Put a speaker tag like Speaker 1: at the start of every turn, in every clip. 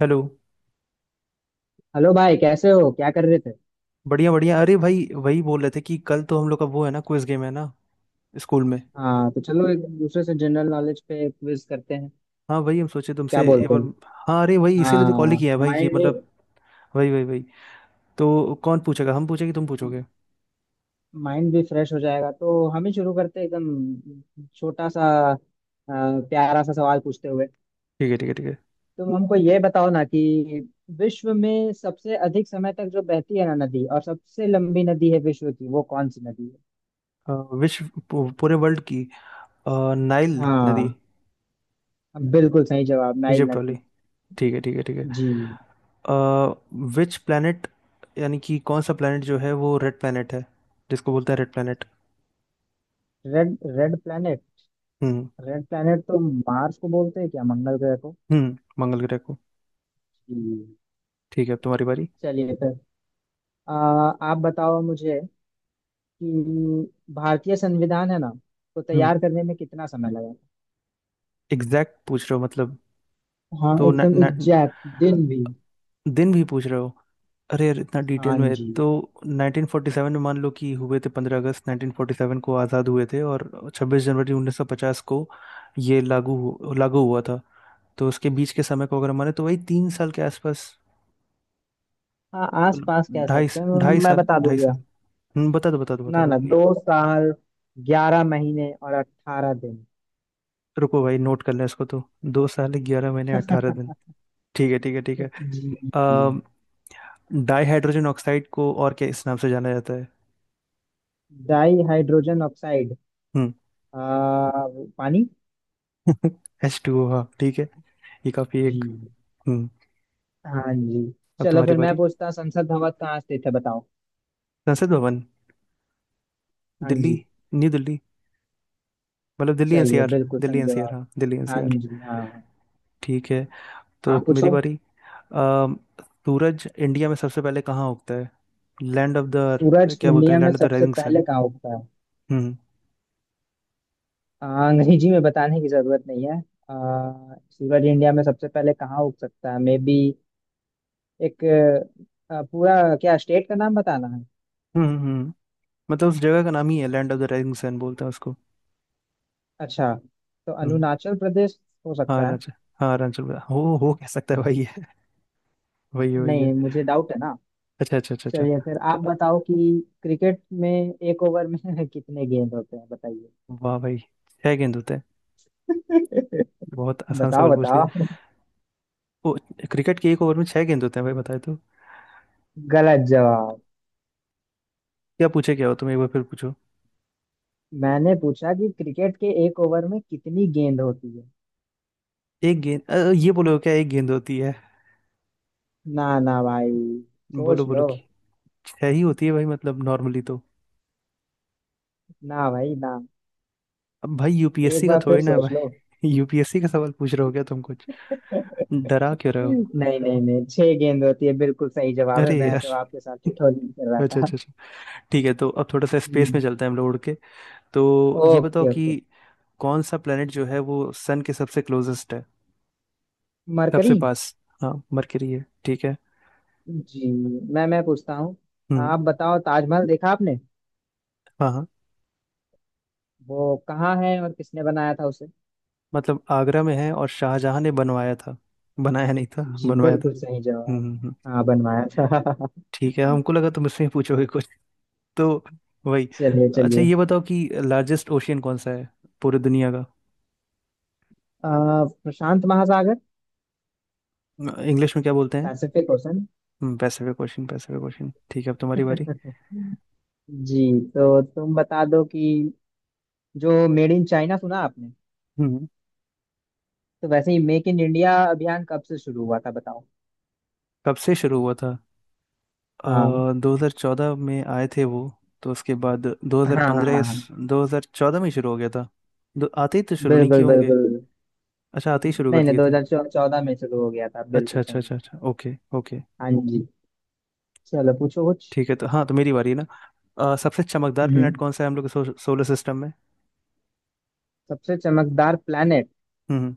Speaker 1: Hello.
Speaker 2: Hello भाई कैसे हो क्या कर रहे थे।
Speaker 1: बढ़िया बढ़िया, अरे भाई वही बोल रहे थे कि कल तो हम लोग का वो है ना, क्विज गेम है ना, स्कूल में।
Speaker 2: हाँ तो चलो एक दूसरे से जनरल नॉलेज पे क्विज करते हैं।
Speaker 1: हाँ वही हम सोचे
Speaker 2: क्या
Speaker 1: तुमसे एक
Speaker 2: बोलते
Speaker 1: बार।
Speaker 2: हैं।
Speaker 1: हाँ अरे वही इसीलिए तो कॉल ही
Speaker 2: हाँ।
Speaker 1: किया है भाई, कि
Speaker 2: माइंड भी।
Speaker 1: मतलब। वही वही वही। तो कौन पूछेगा, हम पूछेंगे तुम पूछोगे?
Speaker 2: माइंड भी फ्रेश हो जाएगा तो हम ही शुरू करते हैं एकदम छोटा सा अ, प्यारा सा सवाल पूछते हुए।
Speaker 1: ठीक है ठीक है ठीक है।
Speaker 2: तुम हमको ये बताओ ना कि विश्व में सबसे अधिक समय तक जो बहती है ना नदी और सबसे लंबी नदी है विश्व की वो कौन सी नदी है।
Speaker 1: अ, पूरे वर्ल्ड की। अ, नाइल नदी।
Speaker 2: हाँ बिल्कुल सही जवाब नाइल
Speaker 1: इजिप्ट वाली।
Speaker 2: नदी।
Speaker 1: ठीक है ठीक है ठीक है।
Speaker 2: जी।
Speaker 1: विच प्लैनेट, यानी कि कौन सा प्लैनेट जो है वो रेड प्लैनेट है, जिसको बोलते हैं red planet.
Speaker 2: Red red planet.
Speaker 1: हम्म
Speaker 2: रेड प्लैनेट तो मार्स को बोलते हैं क्या मंगल ग्रह को।
Speaker 1: हम्म। मंगल ग्रह को।
Speaker 2: हम्म,
Speaker 1: ठीक है, अब तुम्हारी बारी।
Speaker 2: चलिए फिर। आप बताओ मुझे कि भारतीय संविधान है ना तो तैयार
Speaker 1: हम्म।
Speaker 2: करने में कितना समय लगा।
Speaker 1: एग्जैक्ट पूछ रहे हो मतलब?
Speaker 2: था हाँ
Speaker 1: तो न,
Speaker 2: एकदम
Speaker 1: न,
Speaker 2: एग्जैक्ट दिन भी।
Speaker 1: दिन भी पूछ रहे हो? अरे यार इतना डिटेल
Speaker 2: हाँ
Speaker 1: में
Speaker 2: जी।
Speaker 1: तो। 1947 में मान लो कि हुए थे, 15 अगस्त 1947 को आज़ाद हुए थे, और 26 जनवरी 1950 को ये लागू हुआ था। तो उसके बीच के समय को अगर माने तो वही 3 साल के आसपास।
Speaker 2: हाँ आस पास
Speaker 1: मतलब
Speaker 2: कह
Speaker 1: ढाई,
Speaker 2: सकते हैं।
Speaker 1: ढाई
Speaker 2: मैं
Speaker 1: साल
Speaker 2: बता
Speaker 1: ढाई
Speaker 2: दूंगा।
Speaker 1: साल। बता दो बता दो बता
Speaker 2: ना
Speaker 1: दो।
Speaker 2: ना 2 साल 11 महीने और 18 दिन।
Speaker 1: रुको भाई नोट कर लें इसको तो। 2 साल 11 महीने 18 दिन। ठीक है ठीक है ठीक है।
Speaker 2: जी।
Speaker 1: अम, डाई हाइड्रोजन ऑक्साइड को और क्या इस नाम से जाना जाता है?
Speaker 2: Di hydrogen oxide.
Speaker 1: हम्म,
Speaker 2: आ, पानी।
Speaker 1: एच टू ओ, हाँ ठीक है। ये काफी एक।
Speaker 2: जी
Speaker 1: हम्म।
Speaker 2: हाँ जी।
Speaker 1: अब
Speaker 2: चलो
Speaker 1: तुम्हारी
Speaker 2: फिर मैं
Speaker 1: बारी।
Speaker 2: पूछता संसद भवन कहाँ स्थित है बताओ।
Speaker 1: संसद भवन।
Speaker 2: हाँ
Speaker 1: दिल्ली।
Speaker 2: जी।
Speaker 1: न्यू दिल्ली। मतलब दिल्ली
Speaker 2: चलिए
Speaker 1: एनसीआर।
Speaker 2: बिल्कुल
Speaker 1: दिल्ली
Speaker 2: सही
Speaker 1: एनसीआर,
Speaker 2: जवाब।
Speaker 1: हाँ दिल्ली
Speaker 2: हाँ
Speaker 1: एनसीआर।
Speaker 2: जी हाँ।
Speaker 1: ठीक है, तो
Speaker 2: आप
Speaker 1: अब मेरी
Speaker 2: पूछो।
Speaker 1: बारी। अम, सूरज इंडिया में सबसे पहले कहाँ उगता है? लैंड ऑफ द,
Speaker 2: सूरज
Speaker 1: क्या बोलते
Speaker 2: इंडिया
Speaker 1: हैं,
Speaker 2: में
Speaker 1: लैंड ऑफ द
Speaker 2: सबसे
Speaker 1: राइजिंग सन।
Speaker 2: पहले कहाँ उगता है।
Speaker 1: हम्म।
Speaker 2: अंग्रेजी में बताने की जरूरत नहीं है। सूरज इंडिया में सबसे पहले कहाँ उग सकता है मे बी एक पूरा क्या स्टेट का नाम बताना है।
Speaker 1: हम्म। मतलब उस जगह का नाम ही है land of the rising sun, बोलते हैं उसको।
Speaker 2: अच्छा तो
Speaker 1: हम्म।
Speaker 2: अरुणाचल प्रदेश हो
Speaker 1: हाँ
Speaker 2: सकता है।
Speaker 1: अरुणाचल। हाँ अरुणाचल प्रदेश। हो कह सकता है भाई है। वही है वही है।
Speaker 2: नहीं मुझे डाउट है ना।
Speaker 1: अच्छा अच्छा अच्छा
Speaker 2: चलिए
Speaker 1: अच्छा।
Speaker 2: फिर आप बताओ कि क्रिकेट में एक ओवर में कितने गेंद होते हैं बताइए।
Speaker 1: वाह भाई। छह गेंद होते हैं। बहुत आसान
Speaker 2: बताओ
Speaker 1: सवाल पूछ लिया।
Speaker 2: बताओ।
Speaker 1: वो, क्रिकेट के एक ओवर में छह गेंद होते हैं भाई, बताए तो।
Speaker 2: गलत जवाब।
Speaker 1: क्या पूछे, क्या हो तुम, एक बार फिर पूछो।
Speaker 2: मैंने पूछा कि क्रिकेट के एक ओवर में कितनी गेंद होती है।
Speaker 1: एक गेंद, ये बोलो क्या एक गेंद होती है?
Speaker 2: ना ना भाई
Speaker 1: बोलो
Speaker 2: सोच
Speaker 1: बोलो
Speaker 2: लो।
Speaker 1: कि छह ही होती है भाई, मतलब नॉर्मली तो।
Speaker 2: ना भाई ना।
Speaker 1: अब भाई
Speaker 2: एक
Speaker 1: यूपीएससी का
Speaker 2: बार फिर
Speaker 1: थोड़ी ना है
Speaker 2: सोच लो।
Speaker 1: भाई। यूपीएससी का सवाल पूछ रहे हो क्या तुम कुछ? डरा क्यों रहे हो?
Speaker 2: नहीं नहीं नहीं छह गेंद होती है बिल्कुल सही जवाब
Speaker 1: अरे
Speaker 2: है मैं
Speaker 1: यार।
Speaker 2: तो आपके साथ ठिठोली भी कर रहा
Speaker 1: अच्छा
Speaker 2: था।
Speaker 1: अच्छा अच्छा। ठीक है, तो अब थोड़ा सा स्पेस में
Speaker 2: जी।
Speaker 1: चलते हैं हम लोग उड़ के। तो ये बताओ
Speaker 2: ओके
Speaker 1: कि
Speaker 2: ओके।
Speaker 1: कौन सा प्लेनेट जो है वो सन के सबसे क्लोजेस्ट है, सबसे
Speaker 2: मरकरी।
Speaker 1: पास। हाँ मरकरी है, ठीक है।
Speaker 2: जी। मैं पूछता हूँ।
Speaker 1: हम्म।
Speaker 2: आप बताओ ताजमहल देखा आपने।
Speaker 1: हाँ हाँ।
Speaker 2: वो कहाँ है और किसने बनाया था।
Speaker 1: मतलब आगरा में है और शाहजहां ने बनवाया था। बनाया नहीं था,
Speaker 2: जी
Speaker 1: बनवाया था।
Speaker 2: बिल्कुल सही
Speaker 1: हम्म
Speaker 2: जवाब।
Speaker 1: हम्म, हम्म।
Speaker 2: हाँ बनवाया था।
Speaker 1: ठीक है, हमको लगा तुम इसमें पूछोगे कुछ तो। वही।
Speaker 2: चलिए
Speaker 1: अच्छा
Speaker 2: चलिए।
Speaker 1: ये बताओ कि लार्जेस्ट ओशियन कौन सा है, पूरी दुनिया का?
Speaker 2: प्रशांत महासागर।
Speaker 1: इंग्लिश में क्या बोलते हैं?
Speaker 2: Pacific ocean.
Speaker 1: Pacific ocean, Pacific ocean, ठीक है, अब तुम्हारी बारी।
Speaker 2: जी तो तुम बता दो कि जो मेड इन चाइना सुना आपने
Speaker 1: हम्म हम्म।
Speaker 2: तो वैसे ही मेक इन इंडिया अभियान कब से शुरू हुआ था बताओ।
Speaker 1: कब से शुरू हुआ था?
Speaker 2: हाँ
Speaker 1: 2014 में आए थे वो, तो उसके बाद दो हजार
Speaker 2: हाँ हाँ
Speaker 1: पंद्रह या
Speaker 2: हाँ,
Speaker 1: 2014 में शुरू हो गया था। दो आते ही तो शुरू नहीं किए
Speaker 2: बिल्कुल
Speaker 1: होंगे।
Speaker 2: बिल्कुल।
Speaker 1: अच्छा आते ही शुरू
Speaker 2: नहीं
Speaker 1: कर
Speaker 2: नहीं
Speaker 1: दिए
Speaker 2: दो
Speaker 1: थे।
Speaker 2: हजार चौदह में शुरू हो गया था
Speaker 1: अच्छा
Speaker 2: बिल्कुल
Speaker 1: अच्छा
Speaker 2: सही है।
Speaker 1: अच्छा अच्छा, ओके ओके।
Speaker 2: हाँ जी। चलो पूछो कुछ।
Speaker 1: ठीक है तो, हाँ तो मेरी बारी है ना। सबसे चमकदार प्लेनेट
Speaker 2: हम्म।
Speaker 1: कौन सा है हम लोग के सोलर सिस्टम में?
Speaker 2: सबसे चमकदार प्लेनेट।
Speaker 1: हम्म।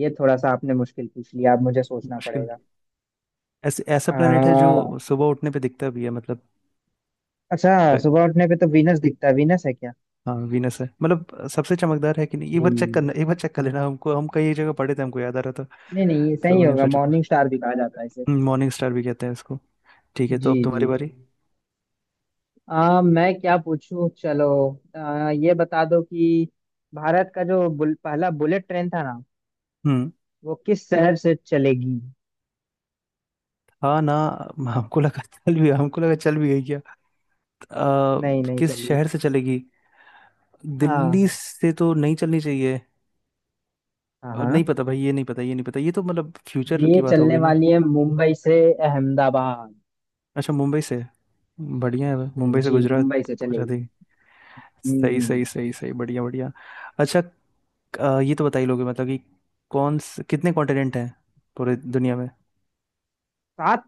Speaker 2: ये थोड़ा सा आपने मुश्किल पूछ लिया अब मुझे सोचना
Speaker 1: मुश्किल।
Speaker 2: पड़ेगा।
Speaker 1: ऐसे, ऐसा प्लेनेट है
Speaker 2: आ,
Speaker 1: जो सुबह उठने पे दिखता भी है मतलब।
Speaker 2: अच्छा
Speaker 1: अ,
Speaker 2: सुबह उठने पे तो वीनस दिखता है वीनस है क्या।
Speaker 1: हाँ वीनस है, मतलब सबसे चमकदार है कि नहीं एक बार चेक
Speaker 2: जी।
Speaker 1: करना, एक बार चेक कर लेना, हमको हम कई जगह पढ़े थे, हमको याद आ रहा था।
Speaker 2: नहीं नहीं ये
Speaker 1: तो
Speaker 2: सही
Speaker 1: वही हम
Speaker 2: होगा
Speaker 1: सोचे पूछ।
Speaker 2: मॉर्निंग स्टार भी कहा जाता है इसे।
Speaker 1: मॉर्निंग स्टार भी कहते हैं इसको। ठीक है तो
Speaker 2: जी
Speaker 1: अब
Speaker 2: जी।
Speaker 1: तुम्हारी बारी।
Speaker 2: मैं क्या पूछूं चलो। ये बता दो कि भारत का जो पहला बुलेट ट्रेन था ना
Speaker 1: हम्म।
Speaker 2: वो किस शहर से चलेगी।
Speaker 1: हाँ ना। हमको लगा चल भी, हमको लगा चल भी गई क्या? अ,
Speaker 2: नहीं नहीं
Speaker 1: किस
Speaker 2: चलिए।
Speaker 1: शहर से चलेगी? दिल्ली
Speaker 2: हाँ
Speaker 1: से तो नहीं चलनी चाहिए।
Speaker 2: हाँ
Speaker 1: और नहीं
Speaker 2: हाँ
Speaker 1: पता भाई, ये नहीं पता ये नहीं पता, ये तो मतलब फ्यूचर
Speaker 2: ये
Speaker 1: की बात हो
Speaker 2: चलने
Speaker 1: गई ना।
Speaker 2: वाली है मुंबई से अहमदाबाद।
Speaker 1: अच्छा मुंबई से। बढ़िया है भाई, मुंबई से
Speaker 2: जी
Speaker 1: गुजरात
Speaker 2: मुंबई से
Speaker 1: पहुंचा
Speaker 2: चलेगी।
Speaker 1: देगी। सही
Speaker 2: हम्म।
Speaker 1: सही सही सही, बढ़िया बढ़िया। अच्छा ये तो बता ही लोगे मतलब कि कौन से, कितने कॉन्टिनेंट हैं पूरे दुनिया में?
Speaker 2: सात।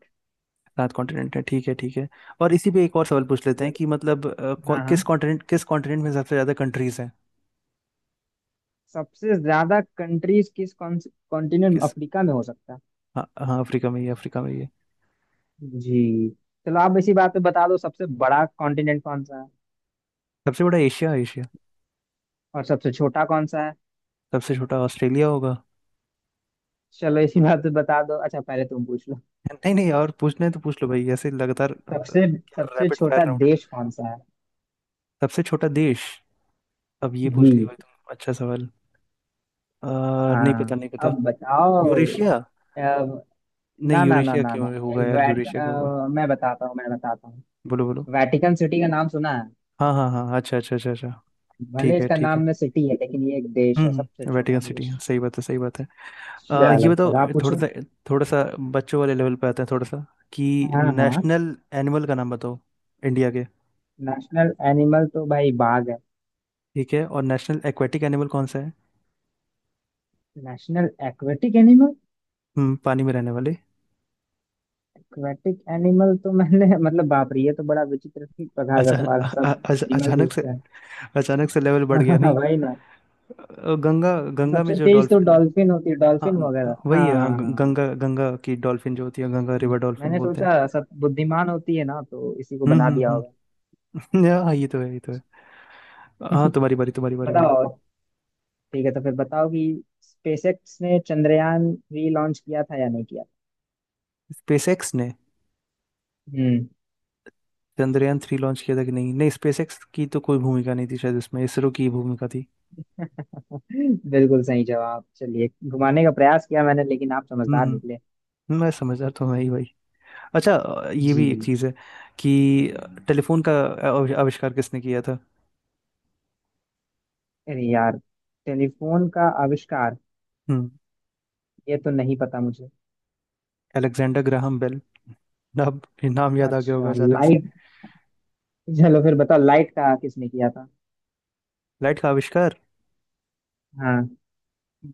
Speaker 1: 7 कॉन्टिनेंट हैं, ठीक है ठीक है। और इसी पे एक और सवाल पूछ लेते हैं
Speaker 2: च-
Speaker 1: कि मतलब
Speaker 2: हाँ हाँ
Speaker 1: किस कॉन्टिनेंट, किस कॉन्टिनेंट में सबसे ज़्यादा कंट्रीज हैं?
Speaker 2: सबसे ज्यादा कंट्रीज किस कॉन्टिनेंट
Speaker 1: किस।
Speaker 2: अफ्रीका में हो सकता है।
Speaker 1: हाँ हाँ अफ्रीका में ही है, अफ्रीका में ही है।
Speaker 2: जी। चलो आप इसी बात पे बता दो सबसे बड़ा कॉन्टिनेंट कौन सा है
Speaker 1: सबसे बड़ा एशिया, एशिया।
Speaker 2: और सबसे छोटा कौन सा है।
Speaker 1: सबसे छोटा ऑस्ट्रेलिया होगा।
Speaker 2: चलो इसी बात पे बता दो अच्छा पहले तुम पूछ लो।
Speaker 1: नहीं नहीं, और पूछना है तो पूछ लो भाई, ऐसे लगातार
Speaker 2: सबसे सबसे
Speaker 1: रैपिड फायर।
Speaker 2: छोटा देश कौन सा है।
Speaker 1: सबसे छोटा देश। अब ये पूछ लिया
Speaker 2: जी।
Speaker 1: भाई तुम, अच्छा सवाल। नहीं पता
Speaker 2: हाँ
Speaker 1: नहीं पता।
Speaker 2: अब बताओ।
Speaker 1: यूरेशिया।
Speaker 2: अब- ना
Speaker 1: नहीं,
Speaker 2: ना ना
Speaker 1: यूरेशिया
Speaker 2: ना ना।
Speaker 1: क्यों होगा यार, यूरेशिया क्यों होगा?
Speaker 2: मैं बताता हूँ मैं बताता हूँ।
Speaker 1: बोलो बोलो।
Speaker 2: वेटिकन सिटी का नाम सुना है।
Speaker 1: हाँ हाँ हाँ, अच्छा अच्छा अच्छा अच्छा।
Speaker 2: भले
Speaker 1: ठीक है
Speaker 2: इसका
Speaker 1: ठीक
Speaker 2: नाम
Speaker 1: है।
Speaker 2: में सिटी है लेकिन ये एक देश है सबसे छोटा
Speaker 1: वेटिकन सिटी
Speaker 2: देश।
Speaker 1: है, सही बात है सही बात है। ये
Speaker 2: चलो
Speaker 1: बताओ।
Speaker 2: फिर आप
Speaker 1: थोड़ा
Speaker 2: पूछो।
Speaker 1: सा, थोड़ा सा बच्चों वाले लेवल पे आते हैं थोड़ा सा, कि
Speaker 2: हाँ हाँ।
Speaker 1: नेशनल एनिमल का नाम बताओ, इंडिया के।
Speaker 2: नेशनल एनिमल तो भाई बाघ है।
Speaker 1: ठीक है, और नेशनल एक्वेटिक एनिमल कौन सा है?
Speaker 2: National aquatic animal.
Speaker 1: हम्म, पानी में रहने वाले।
Speaker 2: एक्वेटिक एनिमल तो मैंने मतलब बाप रे ये तो बड़ा विचित्र सी प्रकार का
Speaker 1: अच्छा
Speaker 2: सवाल है सब एनिमल
Speaker 1: अचानक से,
Speaker 2: पूछते हैं।
Speaker 1: अचानक से लेवल बढ़ गया
Speaker 2: हाँ
Speaker 1: नहीं?
Speaker 2: भाई ना।
Speaker 1: अ, गंगा गंगा में
Speaker 2: सबसे
Speaker 1: जो
Speaker 2: तेज तो
Speaker 1: डॉल्फिन।
Speaker 2: डॉल्फिन होती है डॉल्फिन वगैरह
Speaker 1: हाँ वही
Speaker 2: हाँ
Speaker 1: है, हाँ
Speaker 2: हाँ,
Speaker 1: ग-
Speaker 2: हाँ।
Speaker 1: गंगा गंगा की डॉल्फिन जो होती है, गंगा रिवर डॉल्फिन
Speaker 2: मैंने
Speaker 1: बोलते हैं।
Speaker 2: सोचा सब बुद्धिमान होती है ना तो इसी को
Speaker 1: हम्म
Speaker 2: बना दिया
Speaker 1: हम्म
Speaker 2: होगा।
Speaker 1: हम्म। हाँ ये तो है ये तो है। हाँ तुम्हारी बारी, तुम्हारी बारी भाई।
Speaker 2: बताओ। ठीक है तो फिर बताओ कि स्पेसएक्स ने चंद्रयान थ्री लॉन्च किया था या नहीं
Speaker 1: स्पेसएक्स ने
Speaker 2: किया।
Speaker 1: चंद्रयान थ्री लॉन्च किया था कि नहीं? नहीं, स्पेसएक्स की तो कोई भूमिका नहीं थी शायद इसमें, इसरो की ही भूमिका थी।
Speaker 2: बिल्कुल सही जवाब चलिए
Speaker 1: हम्म।
Speaker 2: घुमाने का प्रयास किया मैंने लेकिन आप
Speaker 1: हम्म।
Speaker 2: समझदार निकले।
Speaker 1: मैं समझदार तो मैं ही भाई। अच्छा ये
Speaker 2: जी।
Speaker 1: भी एक चीज़ है कि टेलीफोन का आविष्कार किसने किया था?
Speaker 2: अरे यार टेलीफोन का आविष्कार।
Speaker 1: हम्म।
Speaker 2: ये तो नहीं पता मुझे।
Speaker 1: Alexander Graham Bell. नाम, नाम याद आ गया होगा
Speaker 2: अच्छा
Speaker 1: अचानक से।
Speaker 2: लाइट। चलो फिर बताओ लाइट का किसने किया था।
Speaker 1: लाइट का आविष्कार?
Speaker 2: हाँ।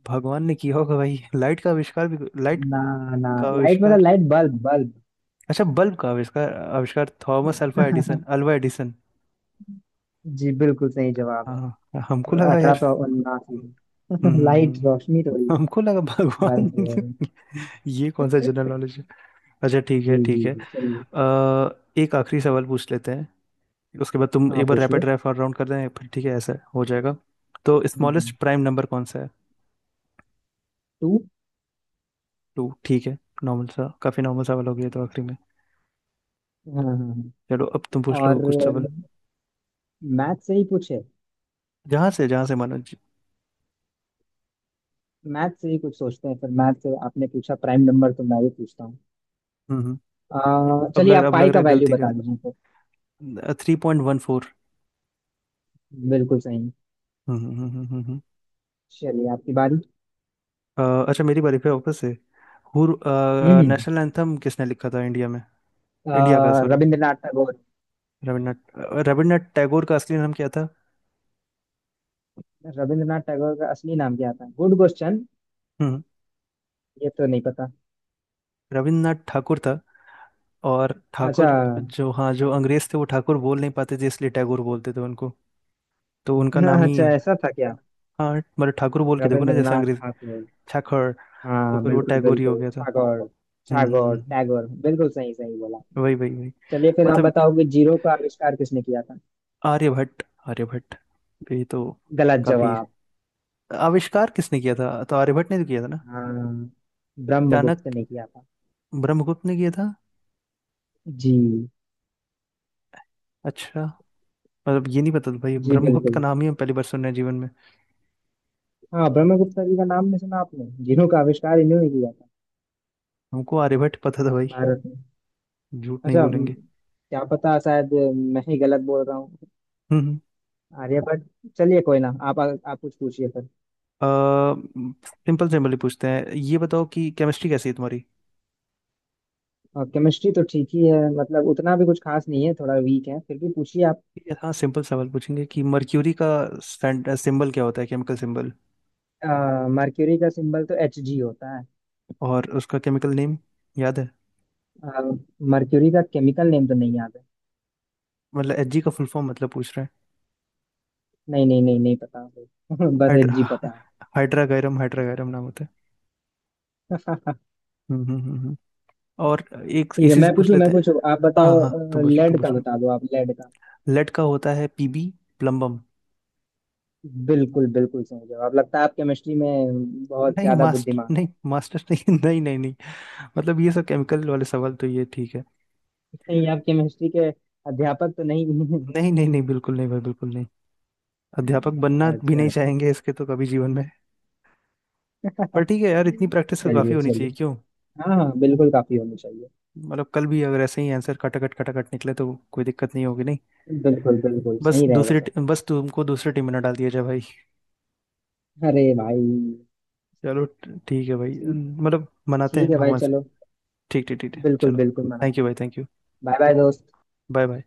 Speaker 1: भगवान ने किया होगा भाई लाइट का आविष्कार भी। लाइट
Speaker 2: ना ना
Speaker 1: का
Speaker 2: लाइट मतलब
Speaker 1: आविष्कार।
Speaker 2: Light bulb bulb.
Speaker 1: अच्छा बल्ब का आविष्कार? आविष्कार Thomas alpha Edison, Alva Edison.
Speaker 2: जी बिल्कुल सही जवाब
Speaker 1: हाँ हमको
Speaker 2: है
Speaker 1: लगा
Speaker 2: अठारह
Speaker 1: यार।
Speaker 2: सौ उन्नासी
Speaker 1: हम्म
Speaker 2: में। लाइट
Speaker 1: हम्म।
Speaker 2: रोशनी थोड़ी
Speaker 1: हमको लगा
Speaker 2: बल्ब
Speaker 1: भगवान।
Speaker 2: जो है।
Speaker 1: ये कौन सा जनरल नॉलेज है? अच्छा ठीक है
Speaker 2: जी
Speaker 1: ठीक
Speaker 2: जी
Speaker 1: है।
Speaker 2: जी चलिए।
Speaker 1: एक आखिरी सवाल पूछ लेते हैं, उसके बाद तुम
Speaker 2: हाँ
Speaker 1: एक बार
Speaker 2: पूछ लो।
Speaker 1: रैपिड फायर राउंड कर दें फिर, ठीक है ऐसा हो जाएगा। तो
Speaker 2: हम्म,
Speaker 1: स्मॉलेस्ट प्राइम नंबर कौन सा है?
Speaker 2: टू।
Speaker 1: टू, ठीक है। नॉर्मल सा, काफी नॉर्मल सवाल हो गया तो आखिरी में।
Speaker 2: हाँ हाँ हाँ।
Speaker 1: चलो अब तुम पूछ
Speaker 2: और
Speaker 1: लो कुछ सवाल।
Speaker 2: मैथ से ही कुछ है।
Speaker 1: जहाँ से मानो।
Speaker 2: मैथ से ही कुछ सोचते हैं फिर मैथ से आपने पूछा प्राइम नंबर तो मैं भी पूछता हूँ।
Speaker 1: हम्म। अब
Speaker 2: चलिए
Speaker 1: लग
Speaker 2: आप
Speaker 1: रहा, अब लग
Speaker 2: पाई
Speaker 1: रहा
Speaker 2: का
Speaker 1: है
Speaker 2: वैल्यू
Speaker 1: गलती का।
Speaker 2: बता दीजिए तो।
Speaker 1: Three point one four.
Speaker 2: बिल्कुल सही।
Speaker 1: हम्म हम्म, हम्म, हम्म, हम्म।
Speaker 2: चलिए आपकी बारी।
Speaker 1: अच्छा मेरी बारी फिर वापस से। हुर।
Speaker 2: हम्म।
Speaker 1: नेशनल एंथम किसने लिखा था इंडिया में? इंडिया का, सॉरी,
Speaker 2: रविंद्रनाथ टैगोर।
Speaker 1: रविन्द्रनाथ टैगोर का असली नाम क्या था?
Speaker 2: रविंद्रनाथ टैगोर का असली नाम क्या था गुड क्वेश्चन।
Speaker 1: हम्म।
Speaker 2: ये तो नहीं पता।
Speaker 1: रविन्द्रनाथ ठाकुर था। और
Speaker 2: अच्छा।
Speaker 1: ठाकुर, जो, हाँ जो अंग्रेज थे वो ठाकुर बोल नहीं पाते थे इसलिए टैगोर बोलते थे उनको, तो उनका नाम ही
Speaker 2: अच्छा
Speaker 1: है।
Speaker 2: ऐसा था क्या।
Speaker 1: हाँ मतलब ठाकुर बोल के देखो ना जैसे
Speaker 2: रविंद्रनाथ
Speaker 1: अंग्रेज।
Speaker 2: ठाकुर।
Speaker 1: ठाकुर। तो
Speaker 2: हाँ
Speaker 1: फिर वो
Speaker 2: बिल्कुल
Speaker 1: टैगोर ही हो
Speaker 2: बिल्कुल
Speaker 1: गया था।
Speaker 2: ठाकुर।
Speaker 1: हम्म हम्म, हम्म,
Speaker 2: ठाकुर
Speaker 1: हम्म।
Speaker 2: टैगोर बिल्कुल सही सही बोला आपने।
Speaker 1: वही वही वही।
Speaker 2: चलिए फिर आप
Speaker 1: मतलब
Speaker 2: बताओगे जीरो का आविष्कार किसने किया था।
Speaker 1: आर्यभट्ट, आर्यभट्ट, ये तो
Speaker 2: गलत
Speaker 1: काफी।
Speaker 2: जवाब।
Speaker 1: आविष्कार किसने किया था तो आर्यभट्ट ने तो किया था ना?
Speaker 2: हाँ ब्रह्मगुप्त
Speaker 1: चाणक्य।
Speaker 2: ने किया था।
Speaker 1: ब्रह्मगुप्त ने किया था?
Speaker 2: जी।
Speaker 1: अच्छा, मतलब ये नहीं पता था भाई,
Speaker 2: जी
Speaker 1: ब्रह्मगुप्त का
Speaker 2: बिल्कुल।
Speaker 1: नाम ही हम पहली बार सुन रहे हैं जीवन में।
Speaker 2: हाँ ब्रह्मगुप्त जी का नाम नहीं सुना आपने जिन्हों का आविष्कार इन्होंने किया था
Speaker 1: हमको आर्यभट्ट पता था भाई,
Speaker 2: भारत में।
Speaker 1: झूठ नहीं
Speaker 2: अच्छा
Speaker 1: बोलेंगे।
Speaker 2: क्या पता शायद मैं ही गलत बोल रहा हूँ।
Speaker 1: हम्म।
Speaker 2: आर्यभट्ट चलिए कोई ना आप कुछ पूछिए फिर।
Speaker 1: सिंपल, सिंपल ही पूछते हैं, ये बताओ कि केमिस्ट्री कैसी है तुम्हारी?
Speaker 2: और केमिस्ट्री तो ठीक ही है मतलब उतना भी कुछ खास नहीं है थोड़ा वीक है फिर भी पूछिए आप।
Speaker 1: हाँ सिंपल सवाल पूछेंगे कि मर्क्यूरी का सिंबल क्या होता है, केमिकल सिंबल?
Speaker 2: मर्क्यूरी का सिंबल तो Hg होता है।
Speaker 1: और उसका केमिकल नेम याद है?
Speaker 2: मर्क्यूरी का केमिकल नेम तो नहीं याद है।
Speaker 1: मतलब एच जी का फुल फॉर्म मतलब पूछ रहे हैं।
Speaker 2: नहीं नहीं नहीं नहीं पता मुझे। बस Hg
Speaker 1: हाइड्रा,
Speaker 2: पता है।
Speaker 1: हाइड्रागैरम, हाइड्रागैरम नाम होता है। हम्म हम्म हम्म हम्म। और एक
Speaker 2: ठीक है
Speaker 1: इसी से पूछ लेते
Speaker 2: मैं
Speaker 1: हैं।
Speaker 2: पूछूं आप
Speaker 1: हाँ हाँ
Speaker 2: बताओ।
Speaker 1: हाँ तुम पूछ लो, तुम
Speaker 2: लेड का
Speaker 1: पूछ लो।
Speaker 2: बता दो आप लेड का।
Speaker 1: लेड का होता है पीबी, प्लम्बम।
Speaker 2: बिल्कुल बिल्कुल सही जवाब लगता है आप केमिस्ट्री में बहुत
Speaker 1: नहीं
Speaker 2: ज्यादा
Speaker 1: मास्टर
Speaker 2: बुद्धिमान है।
Speaker 1: नहीं, मास्टर नहीं, नहीं नहीं नहीं। मतलब ये सब केमिकल वाले सवाल तो ये ठीक है।
Speaker 2: नहीं आप केमिस्ट्री के अध्यापक तो नहीं हैं।
Speaker 1: नहीं नहीं नहीं, बिल्कुल नहीं भाई, बिल्कुल नहीं। अध्यापक बनना भी
Speaker 2: अच्छा
Speaker 1: नहीं
Speaker 2: अच्छा।
Speaker 1: चाहेंगे इसके तो कभी जीवन में। पर ठीक है यार, इतनी प्रैक्टिस तो काफी
Speaker 2: चलिए
Speaker 1: होनी चाहिए
Speaker 2: चलिए।
Speaker 1: क्यों।
Speaker 2: हाँ हाँ बिल्कुल काफी होनी चाहिए।
Speaker 1: मतलब कल भी अगर ऐसे ही आंसर खटाखट खटाखट निकले तो कोई दिक्कत नहीं होगी नहीं।
Speaker 2: बिल्कुल बिल्कुल
Speaker 1: बस
Speaker 2: सही रहेगा सर।
Speaker 1: बस तुमको दूसरी टीम में ना डाल दिया जाए भाई।
Speaker 2: अरे भाई।
Speaker 1: चलो ठीक है भाई।
Speaker 2: ठीक
Speaker 1: मतलब मनाते
Speaker 2: ठीक
Speaker 1: हैं
Speaker 2: है भाई
Speaker 1: भगवान से।
Speaker 2: चलो।
Speaker 1: ठीक ठीक ठीक है,
Speaker 2: बिल्कुल
Speaker 1: चलो।
Speaker 2: बिल्कुल
Speaker 1: थैंक यू
Speaker 2: मनाएंगे।
Speaker 1: भाई, थैंक यू।
Speaker 2: बाय बाय दोस्त।
Speaker 1: Bye bye.